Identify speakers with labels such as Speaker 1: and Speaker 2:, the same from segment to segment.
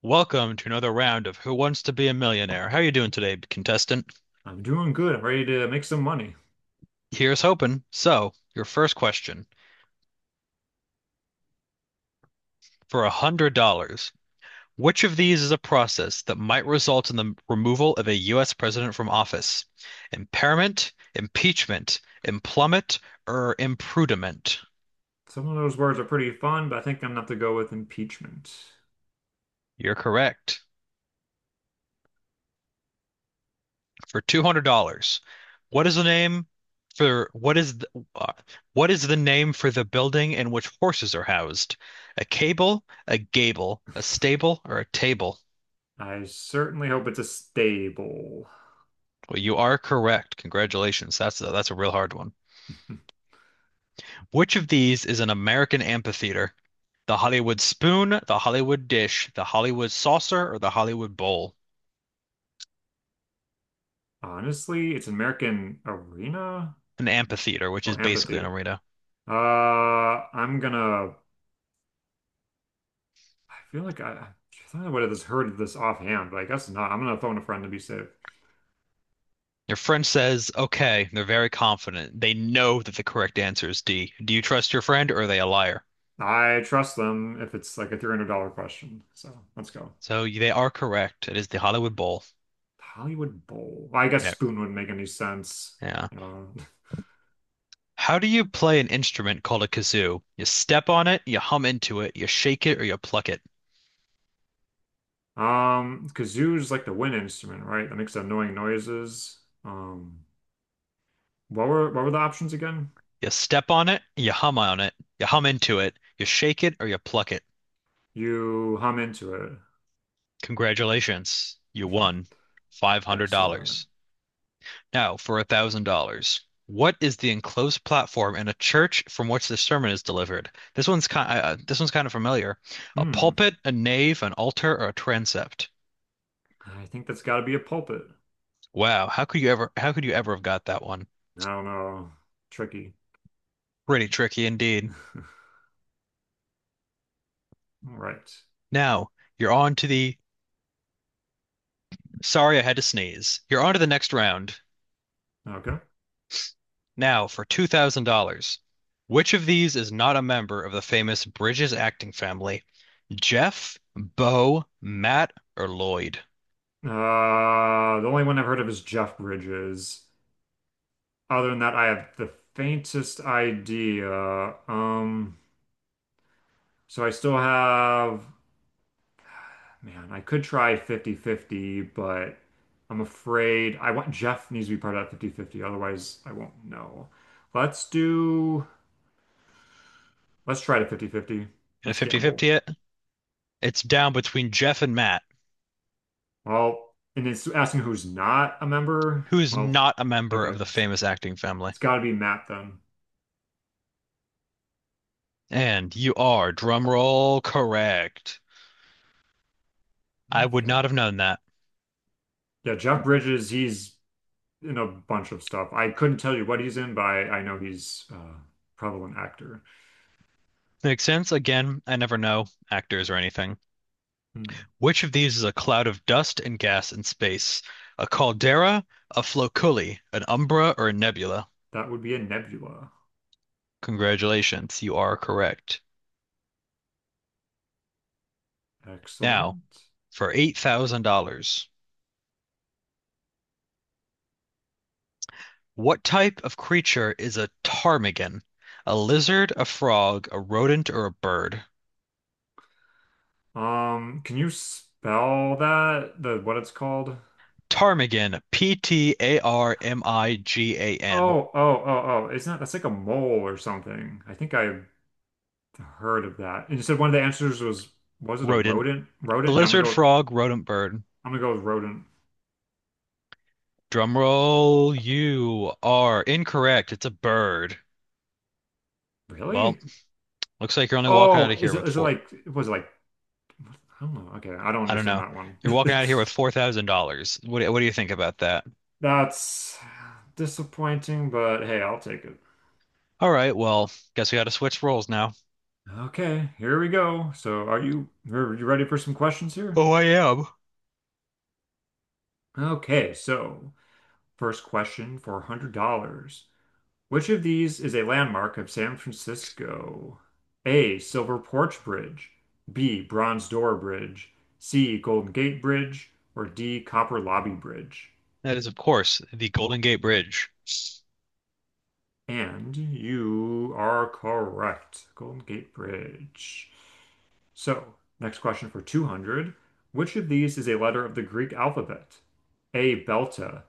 Speaker 1: Welcome to another round of Who Wants to Be a Millionaire? How are you doing today, contestant?
Speaker 2: I'm doing good. I'm ready to make some money.
Speaker 1: Here's hoping. So, your first question for $100. Which of these is a process that might result in the removal of a U.S. president from office? Impairment, impeachment, implummit, or imprudiment?
Speaker 2: Some of those words are pretty fun, but I think I'm gonna have to go with impeachment.
Speaker 1: You're correct. For $200. What is the name for what is the, uh, what is the name for the building in which horses are housed? A cable, a gable, a stable, or a table?
Speaker 2: I certainly hope it's a stable.
Speaker 1: Well, you are correct. Congratulations. That's a real hard one. Which of these is an American amphitheater? The Hollywood spoon, the Hollywood dish, the Hollywood saucer, or the Hollywood bowl?
Speaker 2: Honestly, it's an American arena?
Speaker 1: An amphitheater, which
Speaker 2: Oh,
Speaker 1: is basically an
Speaker 2: amphitheater.
Speaker 1: arena.
Speaker 2: I'm gonna. I feel like I thought I would have just heard of this offhand, but I guess not. I'm gonna phone a friend to be safe.
Speaker 1: Your friend says, okay, they're very confident. They know that the correct answer is D. Do you trust your friend or are they a liar?
Speaker 2: I trust them if it's like a $300 question. So let's go.
Speaker 1: So they are correct. It is the Hollywood Bowl.
Speaker 2: Hollywood Bowl. Well, I
Speaker 1: No,
Speaker 2: guess spoon wouldn't make any sense.
Speaker 1: yeah.
Speaker 2: You know.
Speaker 1: How do you play an instrument called a kazoo? You step on it, you hum into it, you shake it or you pluck it.
Speaker 2: Kazoo's like the wind instrument, right? That makes annoying noises. Um, what were the options again?
Speaker 1: You step on it, you hum into it, you shake it or you pluck it.
Speaker 2: You hum into it.
Speaker 1: Congratulations. You won
Speaker 2: Excellent.
Speaker 1: $500. Now, for $1,000, what is the enclosed platform in a church from which the sermon is delivered? This one's kind of familiar. A
Speaker 2: Hmm.
Speaker 1: pulpit, a nave, an altar, or a transept.
Speaker 2: I think that's got to be a pulpit.
Speaker 1: Wow, How could you ever have got that one?
Speaker 2: I don't know. Tricky.
Speaker 1: Pretty tricky indeed.
Speaker 2: All right.
Speaker 1: Now you're on to the. Sorry, I had to sneeze. You're on to the next round.
Speaker 2: Okay.
Speaker 1: Now for $2,000. Which of these is not a member of the famous Bridges acting family? Jeff, Bo, Matt, or Lloyd?
Speaker 2: The only one I've heard of is Jeff Bridges. Other than that, I have the faintest idea. Um, so I still have. Man, I could try fifty-fifty, but I'm afraid I want Jeff needs to be part of that fifty-fifty. Otherwise I won't know. Let's do let's try to 50/50.
Speaker 1: In a
Speaker 2: Let's gamble.
Speaker 1: 50-fifty 50. It's down between Jeff and Matt,
Speaker 2: Well, and it's asking who's not a member.
Speaker 1: who is
Speaker 2: Well,
Speaker 1: not a member of
Speaker 2: okay.
Speaker 1: the
Speaker 2: It's,
Speaker 1: famous acting family.
Speaker 2: it's got to be Matt then.
Speaker 1: And you are, drumroll, correct. I would
Speaker 2: Okay.
Speaker 1: not have known that.
Speaker 2: Yeah, Jeff Bridges, he's in a bunch of stuff. I couldn't tell you what he's in, but I know he's probably an actor.
Speaker 1: Makes sense. Again, I never know actors or anything.
Speaker 2: Hmm.
Speaker 1: Which of these is a cloud of dust and gas in space? A caldera, a floculi, an umbra, or a nebula?
Speaker 2: That would be a nebula.
Speaker 1: Congratulations, you are correct. Now,
Speaker 2: Excellent.
Speaker 1: for $8,000, what type of creature is a ptarmigan? A lizard, a frog, a rodent, or a bird?
Speaker 2: Can you spell that? The what it's called?
Speaker 1: Ptarmigan, Ptarmigan,
Speaker 2: Oh, oh, oh, oh. It's not, that's like a mole or something. I think I heard of that. And you said one of the answers was it a
Speaker 1: rodent,
Speaker 2: rodent? Rodent? Yeah,
Speaker 1: lizard frog, rodent bird.
Speaker 2: I'm gonna go with rodent.
Speaker 1: Drumroll, you are incorrect. It's a bird. Well,
Speaker 2: Really?
Speaker 1: looks like you're only walking out
Speaker 2: Oh,
Speaker 1: of here
Speaker 2: is it
Speaker 1: with
Speaker 2: is it
Speaker 1: four.
Speaker 2: like, I don't know. Okay, I don't
Speaker 1: I don't
Speaker 2: understand
Speaker 1: know.
Speaker 2: that one.
Speaker 1: You're walking out of here with $4,000. What, what do you think about that?
Speaker 2: That's disappointing, but hey, I'll take it.
Speaker 1: All right, well, guess we got to switch roles now.
Speaker 2: Okay, here we go. So, are you ready for some questions here?
Speaker 1: Oh, I am.
Speaker 2: Okay, so first question for $100. Which of these is a landmark of San Francisco? A. Silver Porch Bridge. B. Bronze Door Bridge. C. Golden Gate Bridge. Or D. Copper Lobby Bridge.
Speaker 1: That is, of course, the Golden Gate Bridge.
Speaker 2: And you are correct. Golden Gate Bridge. So, next question for 200. Which of these is a letter of the Greek alphabet? A. Belta.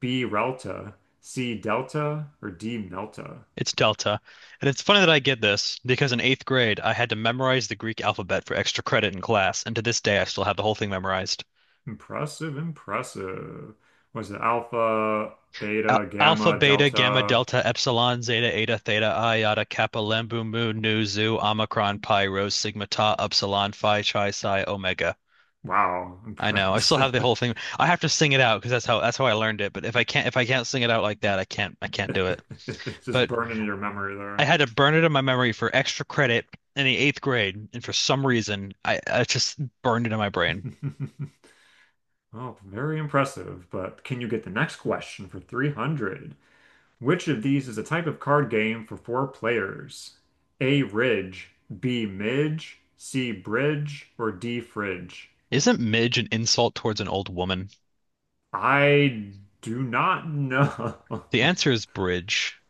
Speaker 2: B. Relta. C. Delta. Or D. Melta?
Speaker 1: It's delta. And it's funny that I get this because in eighth grade, I had to memorize the Greek alphabet for extra credit in class. And to this day, I still have the whole thing memorized.
Speaker 2: Impressive, impressive. Was it alpha,
Speaker 1: Al
Speaker 2: beta,
Speaker 1: alpha,
Speaker 2: gamma,
Speaker 1: beta, gamma,
Speaker 2: delta?
Speaker 1: delta, epsilon, zeta, eta, theta, iota, kappa, lembu, mu, nu, zu, omicron, pi, rho, sigma, tau, upsilon, phi, chi, psi, omega.
Speaker 2: Wow,
Speaker 1: I know. I still have
Speaker 2: impressive.
Speaker 1: the whole thing. I have to sing it out because that's how I learned it. But if I can't sing it out like that, I can't do it.
Speaker 2: Just
Speaker 1: But
Speaker 2: burned into your memory
Speaker 1: I
Speaker 2: there.
Speaker 1: had to burn it in my memory for extra credit in the eighth grade, and for some reason, I just burned it in my brain.
Speaker 2: Oh, very impressive. But can you get the next question for 300? Which of these is a type of card game for four players? A Ridge, B Midge, C Bridge, or D Fridge?
Speaker 1: Isn't midge an insult towards an old woman?
Speaker 2: I do not know.
Speaker 1: The answer is bridge.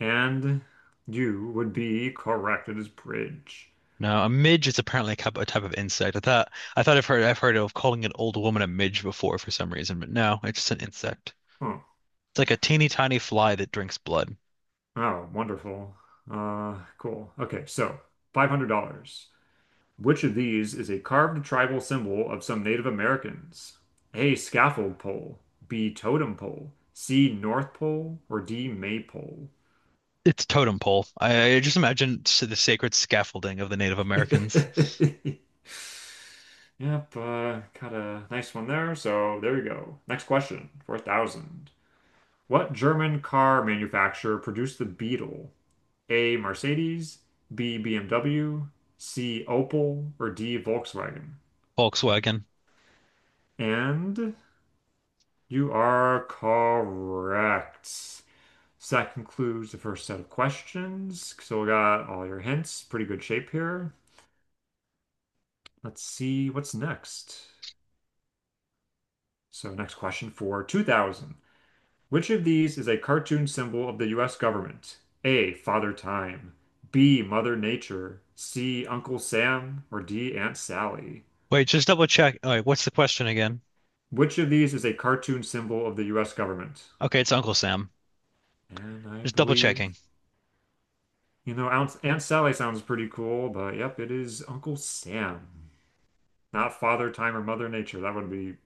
Speaker 2: And you would be correct. It is bridge.
Speaker 1: No, a midge is apparently a type of insect. I thought I've heard of calling an old woman a midge before for some reason, but no, it's just an insect.
Speaker 2: Huh.
Speaker 1: It's like a teeny tiny fly that drinks blood.
Speaker 2: Oh, wonderful. Cool. Okay, so $500. Which of these is a carved tribal symbol of some Native Americans? A. Scaffold pole. B. Totem pole. C. North pole. Or D. Maypole.
Speaker 1: It's totem pole. I just imagine the sacred scaffolding of the Native Americans.
Speaker 2: Yep, got a nice one there. So there you go. Next question, 4,000. What German car manufacturer produced the Beetle? A. Mercedes, B. BMW, C. Opel, or D. Volkswagen.
Speaker 1: Volkswagen.
Speaker 2: And you are correct. So that concludes the first set of questions. So we got all your hints. Pretty good shape here. Let's see what's next. So, next question for 2000. Which of these is a cartoon symbol of the US government? A. Father Time, B. Mother Nature, C. Uncle Sam, or D. Aunt Sally?
Speaker 1: Wait, just double check. All right, what's the question again?
Speaker 2: Which of these is a cartoon symbol of the US government?
Speaker 1: Okay, it's Uncle Sam.
Speaker 2: And I
Speaker 1: Just double
Speaker 2: believe,
Speaker 1: checking.
Speaker 2: Aunt Sally sounds pretty cool, but yep, it is Uncle Sam. Not Father Time or Mother Nature. That would be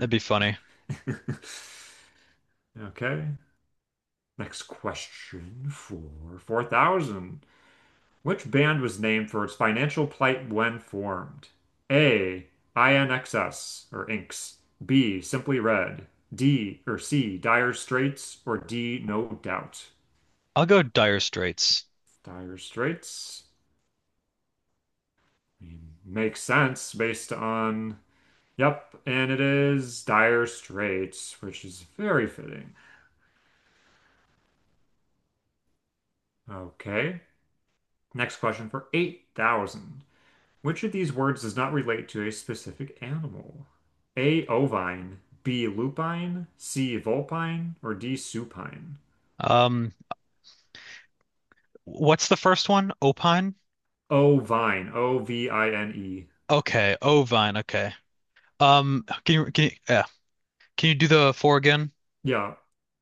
Speaker 1: That'd be funny.
Speaker 2: Okay. Next question for 4,000. Which band was named for its financial plight when formed? A. INXS or Inks. B. Simply Red. D or C. Dire Straits or D. No Doubt.
Speaker 1: I'll go Dire Straits.
Speaker 2: Dire Straits. I mean, makes sense based on. Yep, and it is Dire Straits, which is very fitting. Okay. Next question for 8,000. Which of these words does not relate to a specific animal? A. Ovine, B. Lupine, C. Vulpine, or D. Supine?
Speaker 1: Um, what's the first one? Opine?
Speaker 2: Ovine, O V I N E.
Speaker 1: Okay, Ovine. Okay. Yeah. Can you do the four again?
Speaker 2: Yeah,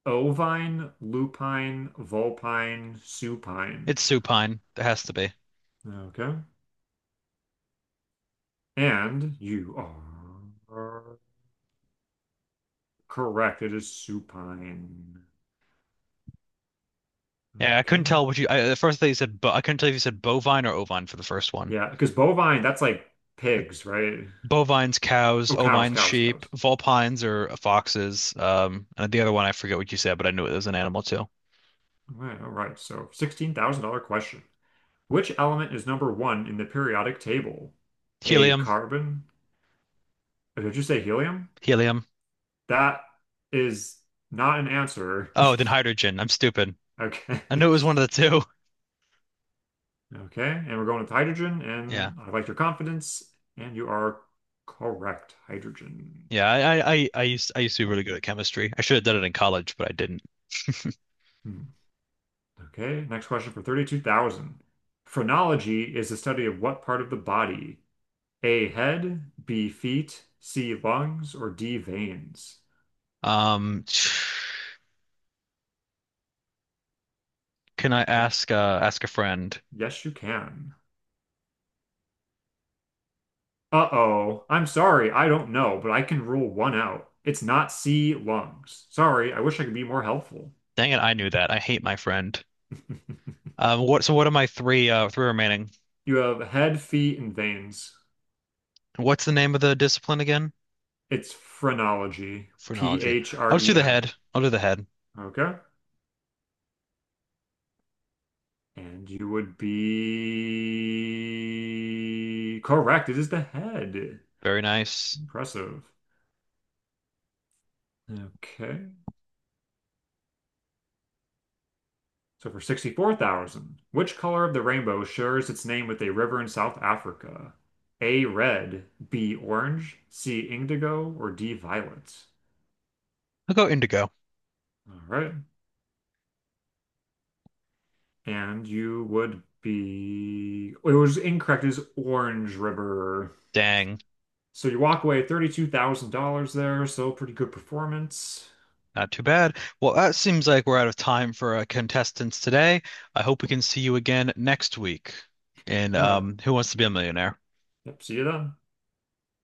Speaker 2: ovine, lupine, vulpine, supine.
Speaker 1: It's supine. There has to be.
Speaker 2: Okay. And you are correct. It is supine.
Speaker 1: Yeah, I couldn't
Speaker 2: Okay.
Speaker 1: tell what you. I, the first thing you said, but I couldn't tell if you said bovine or ovine for the first one.
Speaker 2: Yeah, because bovine, that's like pigs, right?
Speaker 1: Bovines, cows.
Speaker 2: Oh, cows,
Speaker 1: Ovines,
Speaker 2: cows,
Speaker 1: sheep.
Speaker 2: cows.
Speaker 1: Vulpines are foxes. And the other one I forget what you said, but I knew it was an animal too.
Speaker 2: All right, all right. So $16,000 question. Which element is number one in the periodic table? A
Speaker 1: Helium,
Speaker 2: carbon? Oh, did you say helium?
Speaker 1: helium.
Speaker 2: That is not an answer.
Speaker 1: Oh, then hydrogen. I'm stupid.
Speaker 2: Okay.
Speaker 1: I knew it was one of the two.
Speaker 2: Okay. And we're going with hydrogen,
Speaker 1: Yeah.
Speaker 2: and I like your confidence, and you are correct. Hydrogen.
Speaker 1: Yeah, I used to be really good at chemistry. I should have done it in college, but I didn't.
Speaker 2: Hmm. Okay, next question for 32,000. Phrenology is the study of what part of the body? A, head, B, feet, C, lungs, or D, veins?
Speaker 1: Um, can I
Speaker 2: He-
Speaker 1: ask ask a friend?
Speaker 2: yes, you can. Uh-oh, I'm sorry, I don't know, but I can rule one out. It's not C, lungs. Sorry, I wish I could be more helpful.
Speaker 1: Dang it, I knew that. I hate my friend. What are my three three remaining?
Speaker 2: You have head, feet, and veins.
Speaker 1: What's the name of the discipline again?
Speaker 2: It's phrenology.
Speaker 1: Phrenology. I'll just do the
Speaker 2: P-H-R-E-N.
Speaker 1: head. I'll do the head.
Speaker 2: Okay. And you would be correct. It is the head.
Speaker 1: Very nice.
Speaker 2: Impressive. Okay. So for 64,000, which color of the rainbow shares its name with a river in South Africa? A red, B orange, C indigo, or D violet?
Speaker 1: I'll go indigo.
Speaker 2: All right. And you would be. It was incorrect. It is Orange River.
Speaker 1: Dang,
Speaker 2: So you walk away $32,000 there. So pretty good performance.
Speaker 1: not too bad. Well, that seems like we're out of time for contestants today. I hope we can see you again next week. And
Speaker 2: Yeah.
Speaker 1: Who Wants to Be a Millionaire?
Speaker 2: Yep. See you then.